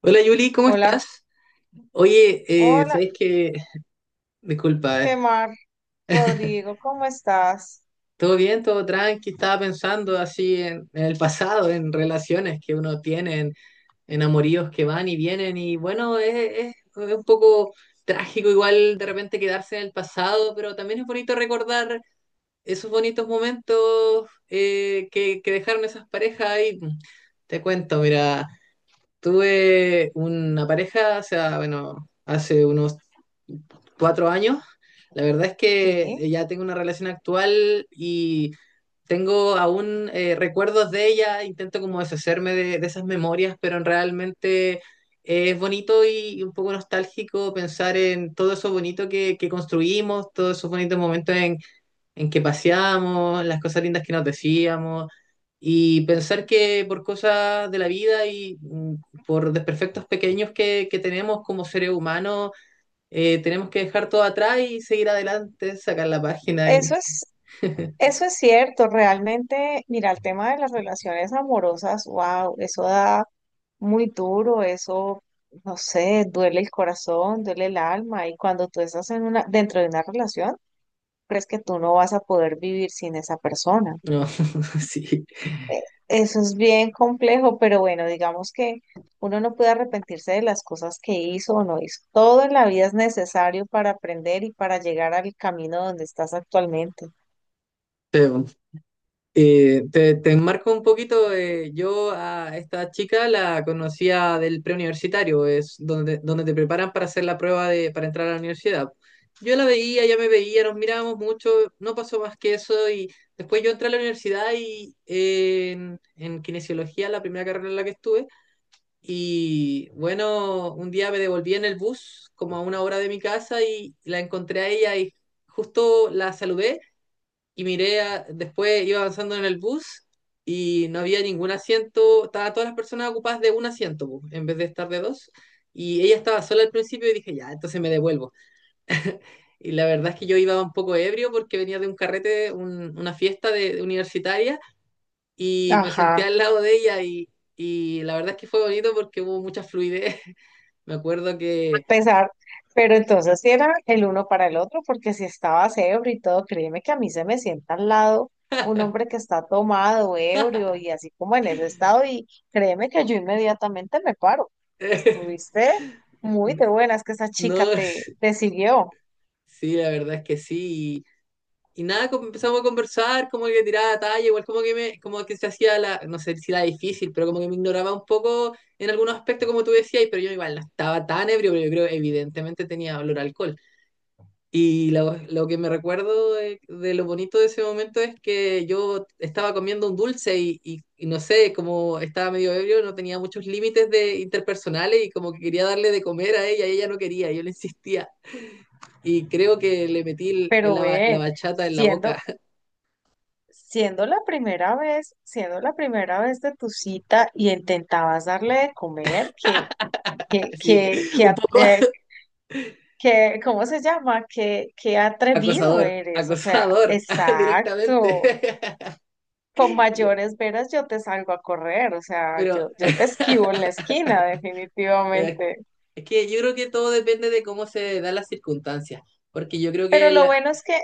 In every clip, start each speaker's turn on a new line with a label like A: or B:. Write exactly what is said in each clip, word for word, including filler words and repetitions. A: Hola Yuli, ¿cómo
B: Hola,
A: estás? Oye, eh,
B: hola,
A: ¿sabes qué? Disculpa,
B: qué
A: eh,
B: mar, Rodrigo, ¿cómo estás?
A: ¿Todo bien? ¿Todo tranqui? Estaba pensando así en, en el pasado, en relaciones que uno tiene, en, en amoríos que van y vienen y bueno, es, es- es un poco trágico igual de repente quedarse en el pasado, pero también es bonito recordar esos bonitos momentos eh, que, que dejaron esas parejas ahí. Te cuento, mira. Tuve una pareja, o sea, bueno, hace unos cuatro años. La verdad es que
B: Sí,
A: ya tengo una relación actual y tengo aún eh, recuerdos de ella, intento como deshacerme de, de esas memorias, pero realmente es bonito y un poco nostálgico pensar en todo eso bonito que, que construimos, todos esos bonitos momentos en en que paseamos, las cosas lindas que nos decíamos, y pensar que por cosas de la vida y mm, por desperfectos pequeños que, que tenemos como seres humanos, eh, tenemos que dejar todo atrás y seguir adelante, sacar la página y.
B: eso es, eso es cierto, realmente, mira, el tema de las relaciones amorosas, wow, eso da muy duro, eso, no sé, duele el corazón, duele el alma, y cuando tú estás en una, dentro de una relación, crees que tú no vas a poder vivir sin esa persona.
A: No, sí.
B: eh, Eso es bien complejo, pero bueno, digamos que uno no puede arrepentirse de las cosas que hizo o no hizo. Todo en la vida es necesario para aprender y para llegar al camino donde estás actualmente.
A: Eh, te, te enmarco un poquito, eh, yo a esta chica la conocía del preuniversitario, es donde, donde te preparan para hacer la prueba de, para entrar a la universidad. Yo la veía, ella me veía, nos mirábamos mucho, no pasó más que eso y después yo entré a la universidad y eh, en, en kinesiología, la primera carrera en la que estuve, y bueno, un día me devolví en el bus como a una hora de mi casa y la encontré a ella y justo la saludé y miré, a- después iba avanzando en el bus y no había ningún asiento, estaban todas las personas ocupadas de un asiento, po, en vez de estar de dos. Y ella estaba sola al principio y dije, ya, entonces me devuelvo. Y la verdad es que yo iba un poco ebrio porque venía de un carrete, un- una fiesta de, universitaria, y me senté
B: Ajá,
A: al lado de ella y, y la verdad es que fue bonito porque hubo mucha fluidez. Me acuerdo que.
B: pesar. Pero entonces sí era el uno para el otro, porque si estaba ebrio y todo, créeme que a mí se me sienta al lado un hombre que está tomado, ebrio y así como en ese estado, y créeme que yo inmediatamente me paro. Estuviste muy de buenas que esa chica
A: No,
B: te, te siguió.
A: sí, la verdad es que sí. Y nada, como empezamos a conversar, como que tiraba talla, igual como que me, como que se hacía la, no sé si la difícil, pero como que me ignoraba un poco en algunos aspectos, como tú decías, pero yo igual no estaba tan ebrio, pero yo creo evidentemente tenía olor a alcohol. Y lo, lo que me recuerdo de, de lo bonito de ese momento es que yo estaba comiendo un dulce y, y, y no sé, como estaba medio ebrio, no tenía muchos límites de interpersonales y como que quería darle de comer a ella y ella no quería, yo le insistía. Y creo que le metí
B: Pero
A: la, la
B: ven,
A: bachata en la boca.
B: siendo, siendo la primera vez, siendo la primera vez de tu cita y intentabas darle de comer, que, que,
A: Sí,
B: que, que,
A: un
B: a-
A: poco
B: eh, que- ¿cómo se llama? Que, que atrevido
A: acosador,
B: eres, o sea,
A: acosador directamente.
B: exacto. Con mayores veras yo te salgo a correr, o sea, yo,
A: Pero,
B: yo te esquivo en la esquina,
A: pero
B: definitivamente.
A: es que yo creo que todo depende de cómo se dan las circunstancias, porque yo creo
B: Pero
A: que
B: lo
A: la.
B: bueno es que,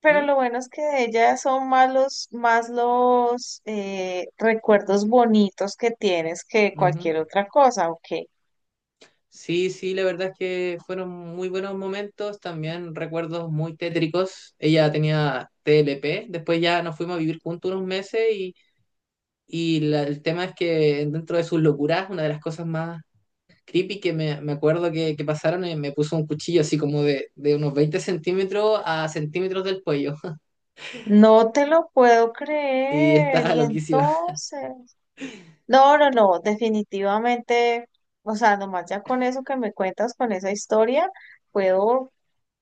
B: pero
A: ¿Mm?
B: lo bueno es que de ella son más los, más los eh, recuerdos bonitos que tienes que
A: Ujú.
B: cualquier otra cosa, ¿ok?
A: Sí, sí, la verdad es que fueron muy buenos momentos, también recuerdos muy tétricos. Ella tenía T L P, después ya nos fuimos a vivir juntos unos meses y, y la- el tema es que dentro de sus locuras, una de las cosas más creepy que me, me acuerdo que, que pasaron y me puso un cuchillo así como de, de unos veinte centímetros a centímetros del cuello.
B: No te lo puedo
A: Sí,
B: creer.
A: estaba
B: Y
A: loquísima.
B: entonces, no, no, no, definitivamente, o sea, nomás ya con eso que me cuentas, con esa historia, puedo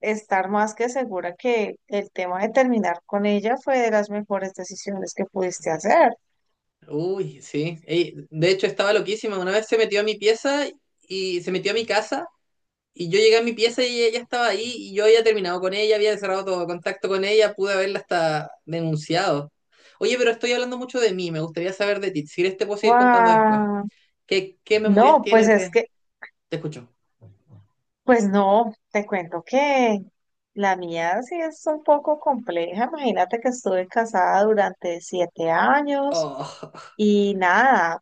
B: estar más que segura que el tema de terminar con ella fue de las mejores decisiones que pudiste hacer.
A: Uy, sí. Ey, de hecho, estaba loquísima. Una vez se metió a mi pieza y se metió a mi casa. Y yo llegué a mi pieza y ella estaba ahí y yo había terminado con ella, había cerrado todo contacto con ella, pude haberla hasta denunciado. Oye, pero estoy hablando mucho de mí, me gustaría saber de ti. Si quieres te puedo seguir contando después.
B: ¡Wow!
A: ¿Qué, qué memorias
B: No, pues
A: tienes
B: es
A: de?
B: que
A: Te escucho.
B: pues no, te cuento que la mía sí es un poco compleja. Imagínate que estuve casada durante siete años
A: Oh,
B: y nada,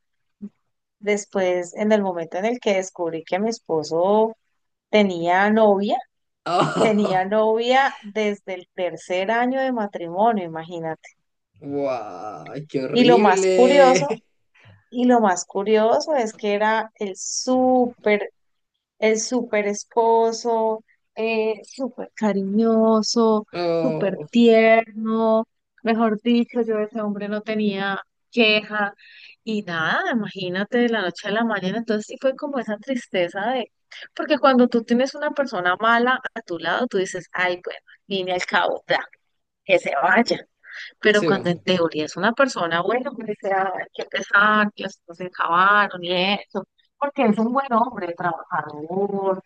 B: después en el momento en el que descubrí que mi esposo tenía novia,
A: oh.
B: tenía novia desde el tercer año de matrimonio, imagínate.
A: ¡Guau! ¡Qué
B: Y lo más
A: horrible!
B: curioso, y lo más curioso es que era el súper. Es súper esposo, eh, súper cariñoso, súper
A: Oh,
B: tierno. Mejor dicho, yo de ese hombre no tenía queja y nada, imagínate de la noche a la mañana. Entonces sí fue como esa tristeza de, porque cuando tú tienes una persona mala a tu lado, tú dices, ay, bueno, al fin y al cabo, ya, que se vaya. Pero
A: sí,
B: cuando en
A: po.
B: teoría es una persona buena, pues dice, ay, qué pesar, que las cosas se acabaron y eso. Porque es un buen hombre, trabajador,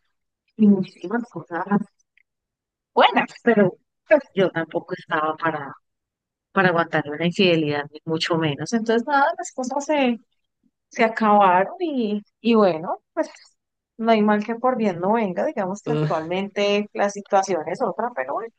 B: y muchísimas cosas buenas, pero pues, yo tampoco estaba para, para aguantar una infidelidad, ni mucho menos. Entonces, nada, las cosas se, se acabaron y, y bueno, pues no hay mal que por bien no venga. Digamos que
A: Ah,
B: actualmente la situación es otra, pero bueno.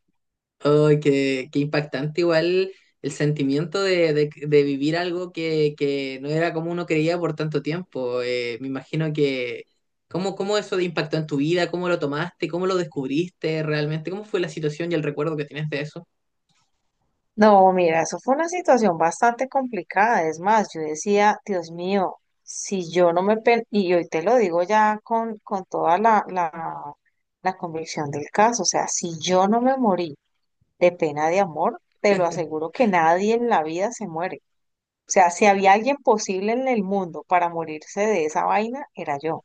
A: oh, qué, qué impactante igual el sentimiento de, de- de vivir algo que, que no era como uno creía por tanto tiempo. Eh, me imagino que. ¿Cómo, cómo eso te impactó en tu vida? ¿Cómo lo tomaste? ¿Cómo lo descubriste realmente? ¿Cómo fue la situación y el recuerdo que tienes de eso?
B: No, mira, eso fue una situación bastante complicada. Es más, yo decía, Dios mío, si yo no me... pe- y hoy te lo digo ya con, con toda la, la la convicción del caso, o sea, si yo no me morí de pena de amor, te lo aseguro que nadie en la vida se muere. O sea, si había alguien posible en el mundo para morirse de esa vaina, era yo.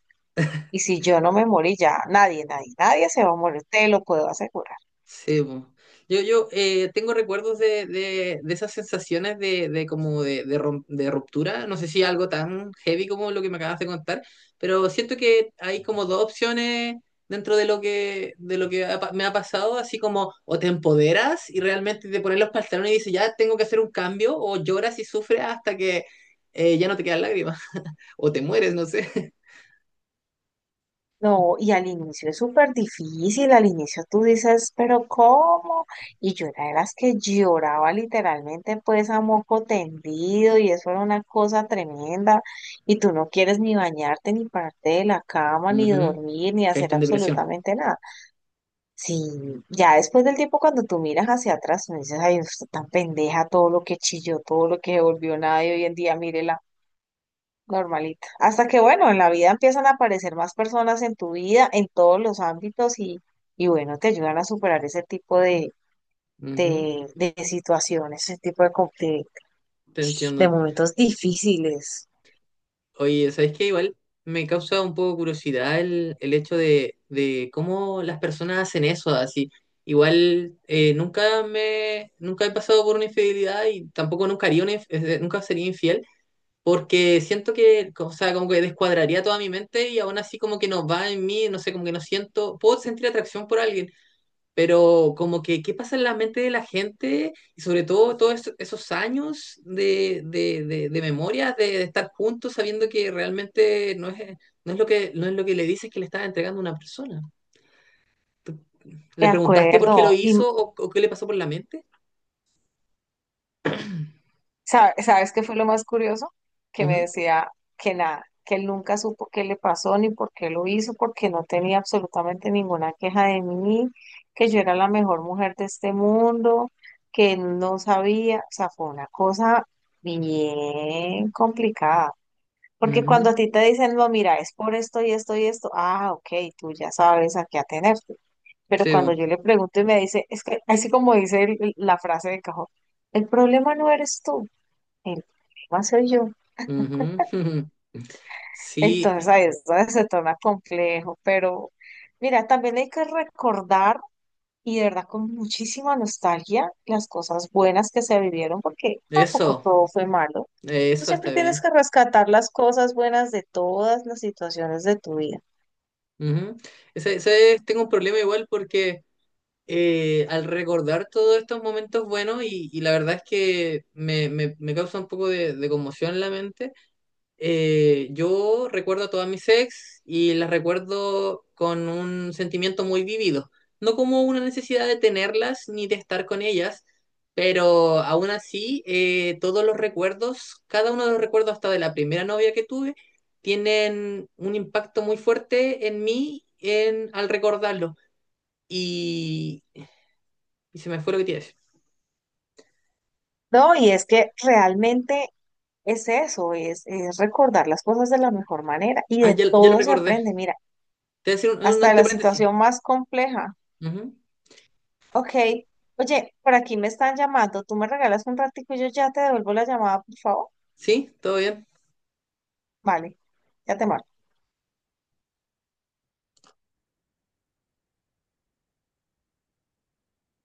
B: Y si yo no me morí ya, nadie, nadie, nadie se va a morir, te lo puedo asegurar.
A: Sí, po. Yo, yo eh, tengo recuerdos de, de, de esas sensaciones de, de como de, de rom- de ruptura, no sé si algo tan heavy como lo que me acabas de contar, pero siento que hay como dos opciones dentro de lo que, de lo que ha pa- me ha pasado, así como o te empoderas y realmente te pones los pantalones y dices, ya tengo que hacer un cambio, o lloras y sufres hasta que eh, ya no te quedan lágrimas, o te mueres, no sé.
B: No, y al inicio es súper difícil, al inicio tú dices, pero ¿cómo? Y yo era de las que lloraba literalmente pues a moco tendido y eso era una cosa tremenda y tú no quieres ni bañarte, ni pararte de la cama, ni
A: Ujú.
B: dormir, ni hacer
A: Caíste en depresión.
B: absolutamente nada. Sí, ya después del tiempo cuando tú miras hacia atrás, me dices, ay, usted tan pendeja, todo lo que chilló, todo lo que se volvió nada y hoy en día mírela, normalita. Hasta que bueno, en la vida empiezan a aparecer más personas en tu vida, en todos los ámbitos y, y bueno, te ayudan a superar ese tipo de,
A: Ujú.
B: de, de situaciones, ese tipo de, con- de,
A: Te
B: de
A: entiendo.
B: momentos difíciles.
A: Oye, ¿sabes qué? Igual me causa un poco curiosidad el, el hecho de, de cómo las personas hacen eso, así. Igual eh, nunca me, nunca he pasado por una infidelidad y tampoco nunca haría una, inf- eh, nunca sería infiel, porque siento que, o sea, como que descuadraría toda mi mente y aún así como que no va en mí, no sé, como que no siento, puedo sentir atracción por alguien pero como que qué pasa en la mente de la gente y sobre todo todos esos, esos años de, de, de, de memoria, de, de estar juntos sabiendo que realmente no es, no es lo que, no es lo que le dices que le estás entregando a una persona. ¿Tú-
B: De
A: ¿Le preguntaste por qué lo
B: acuerdo. Y
A: hizo o, o qué le pasó por la mente?
B: Sa- ¿sabes qué fue lo más curioso? Que me
A: Ujú,
B: decía que nada, que él nunca supo qué le pasó ni por qué lo hizo, porque no tenía absolutamente ninguna queja de mí, que yo era la mejor mujer de este mundo, que él no sabía, o sea, fue una cosa bien complicada. Porque cuando
A: ujú,
B: a ti te dicen, no, mira, es por esto y esto y esto, ah, ok, tú ya sabes a qué atenerte. Pero
A: sí,
B: cuando
A: bo,
B: yo le pregunto y me dice, es que así como dice el- el- la frase de cajón, el problema no eres tú. El problema soy yo.
A: ujú, sí,
B: Entonces ahí es donde se torna complejo, pero mira, también hay que recordar y de verdad con muchísima nostalgia las cosas buenas que se vivieron, porque tampoco
A: eso,
B: todo fue malo.
A: eh,
B: Tú
A: eso está
B: siempre tienes
A: bien.
B: que rescatar las cosas buenas de todas las situaciones de tu vida.
A: Ujú. Ese- ese es- tengo un problema igual porque eh, al recordar todos estos momentos buenos y, y la verdad es que me, me- me causa un poco de, de conmoción en la mente, eh, yo recuerdo a todas mis ex y las recuerdo con un sentimiento muy vivido, no como una necesidad de tenerlas ni de estar con ellas, pero aún así eh, todos los recuerdos, cada uno de los recuerdos hasta de la primera novia que tuve, tienen un impacto muy fuerte en mí en, al recordarlo. Y se me fue lo que te iba a decir.
B: No, y es que realmente es eso, es, es recordar las cosas de la mejor manera y
A: Ah,
B: de
A: ya, ya lo
B: todo se
A: recordé.
B: aprende, mira,
A: Te voy a decir un, un
B: hasta de
A: entre
B: la
A: paréntesis.
B: situación más compleja.
A: Ujú.
B: Ok. Oye, por aquí me están llamando. ¿Tú me regalas un ratico y yo ya te devuelvo la llamada, por favor?
A: ¿Sí? ¿Todo bien?
B: Vale, ya te marco.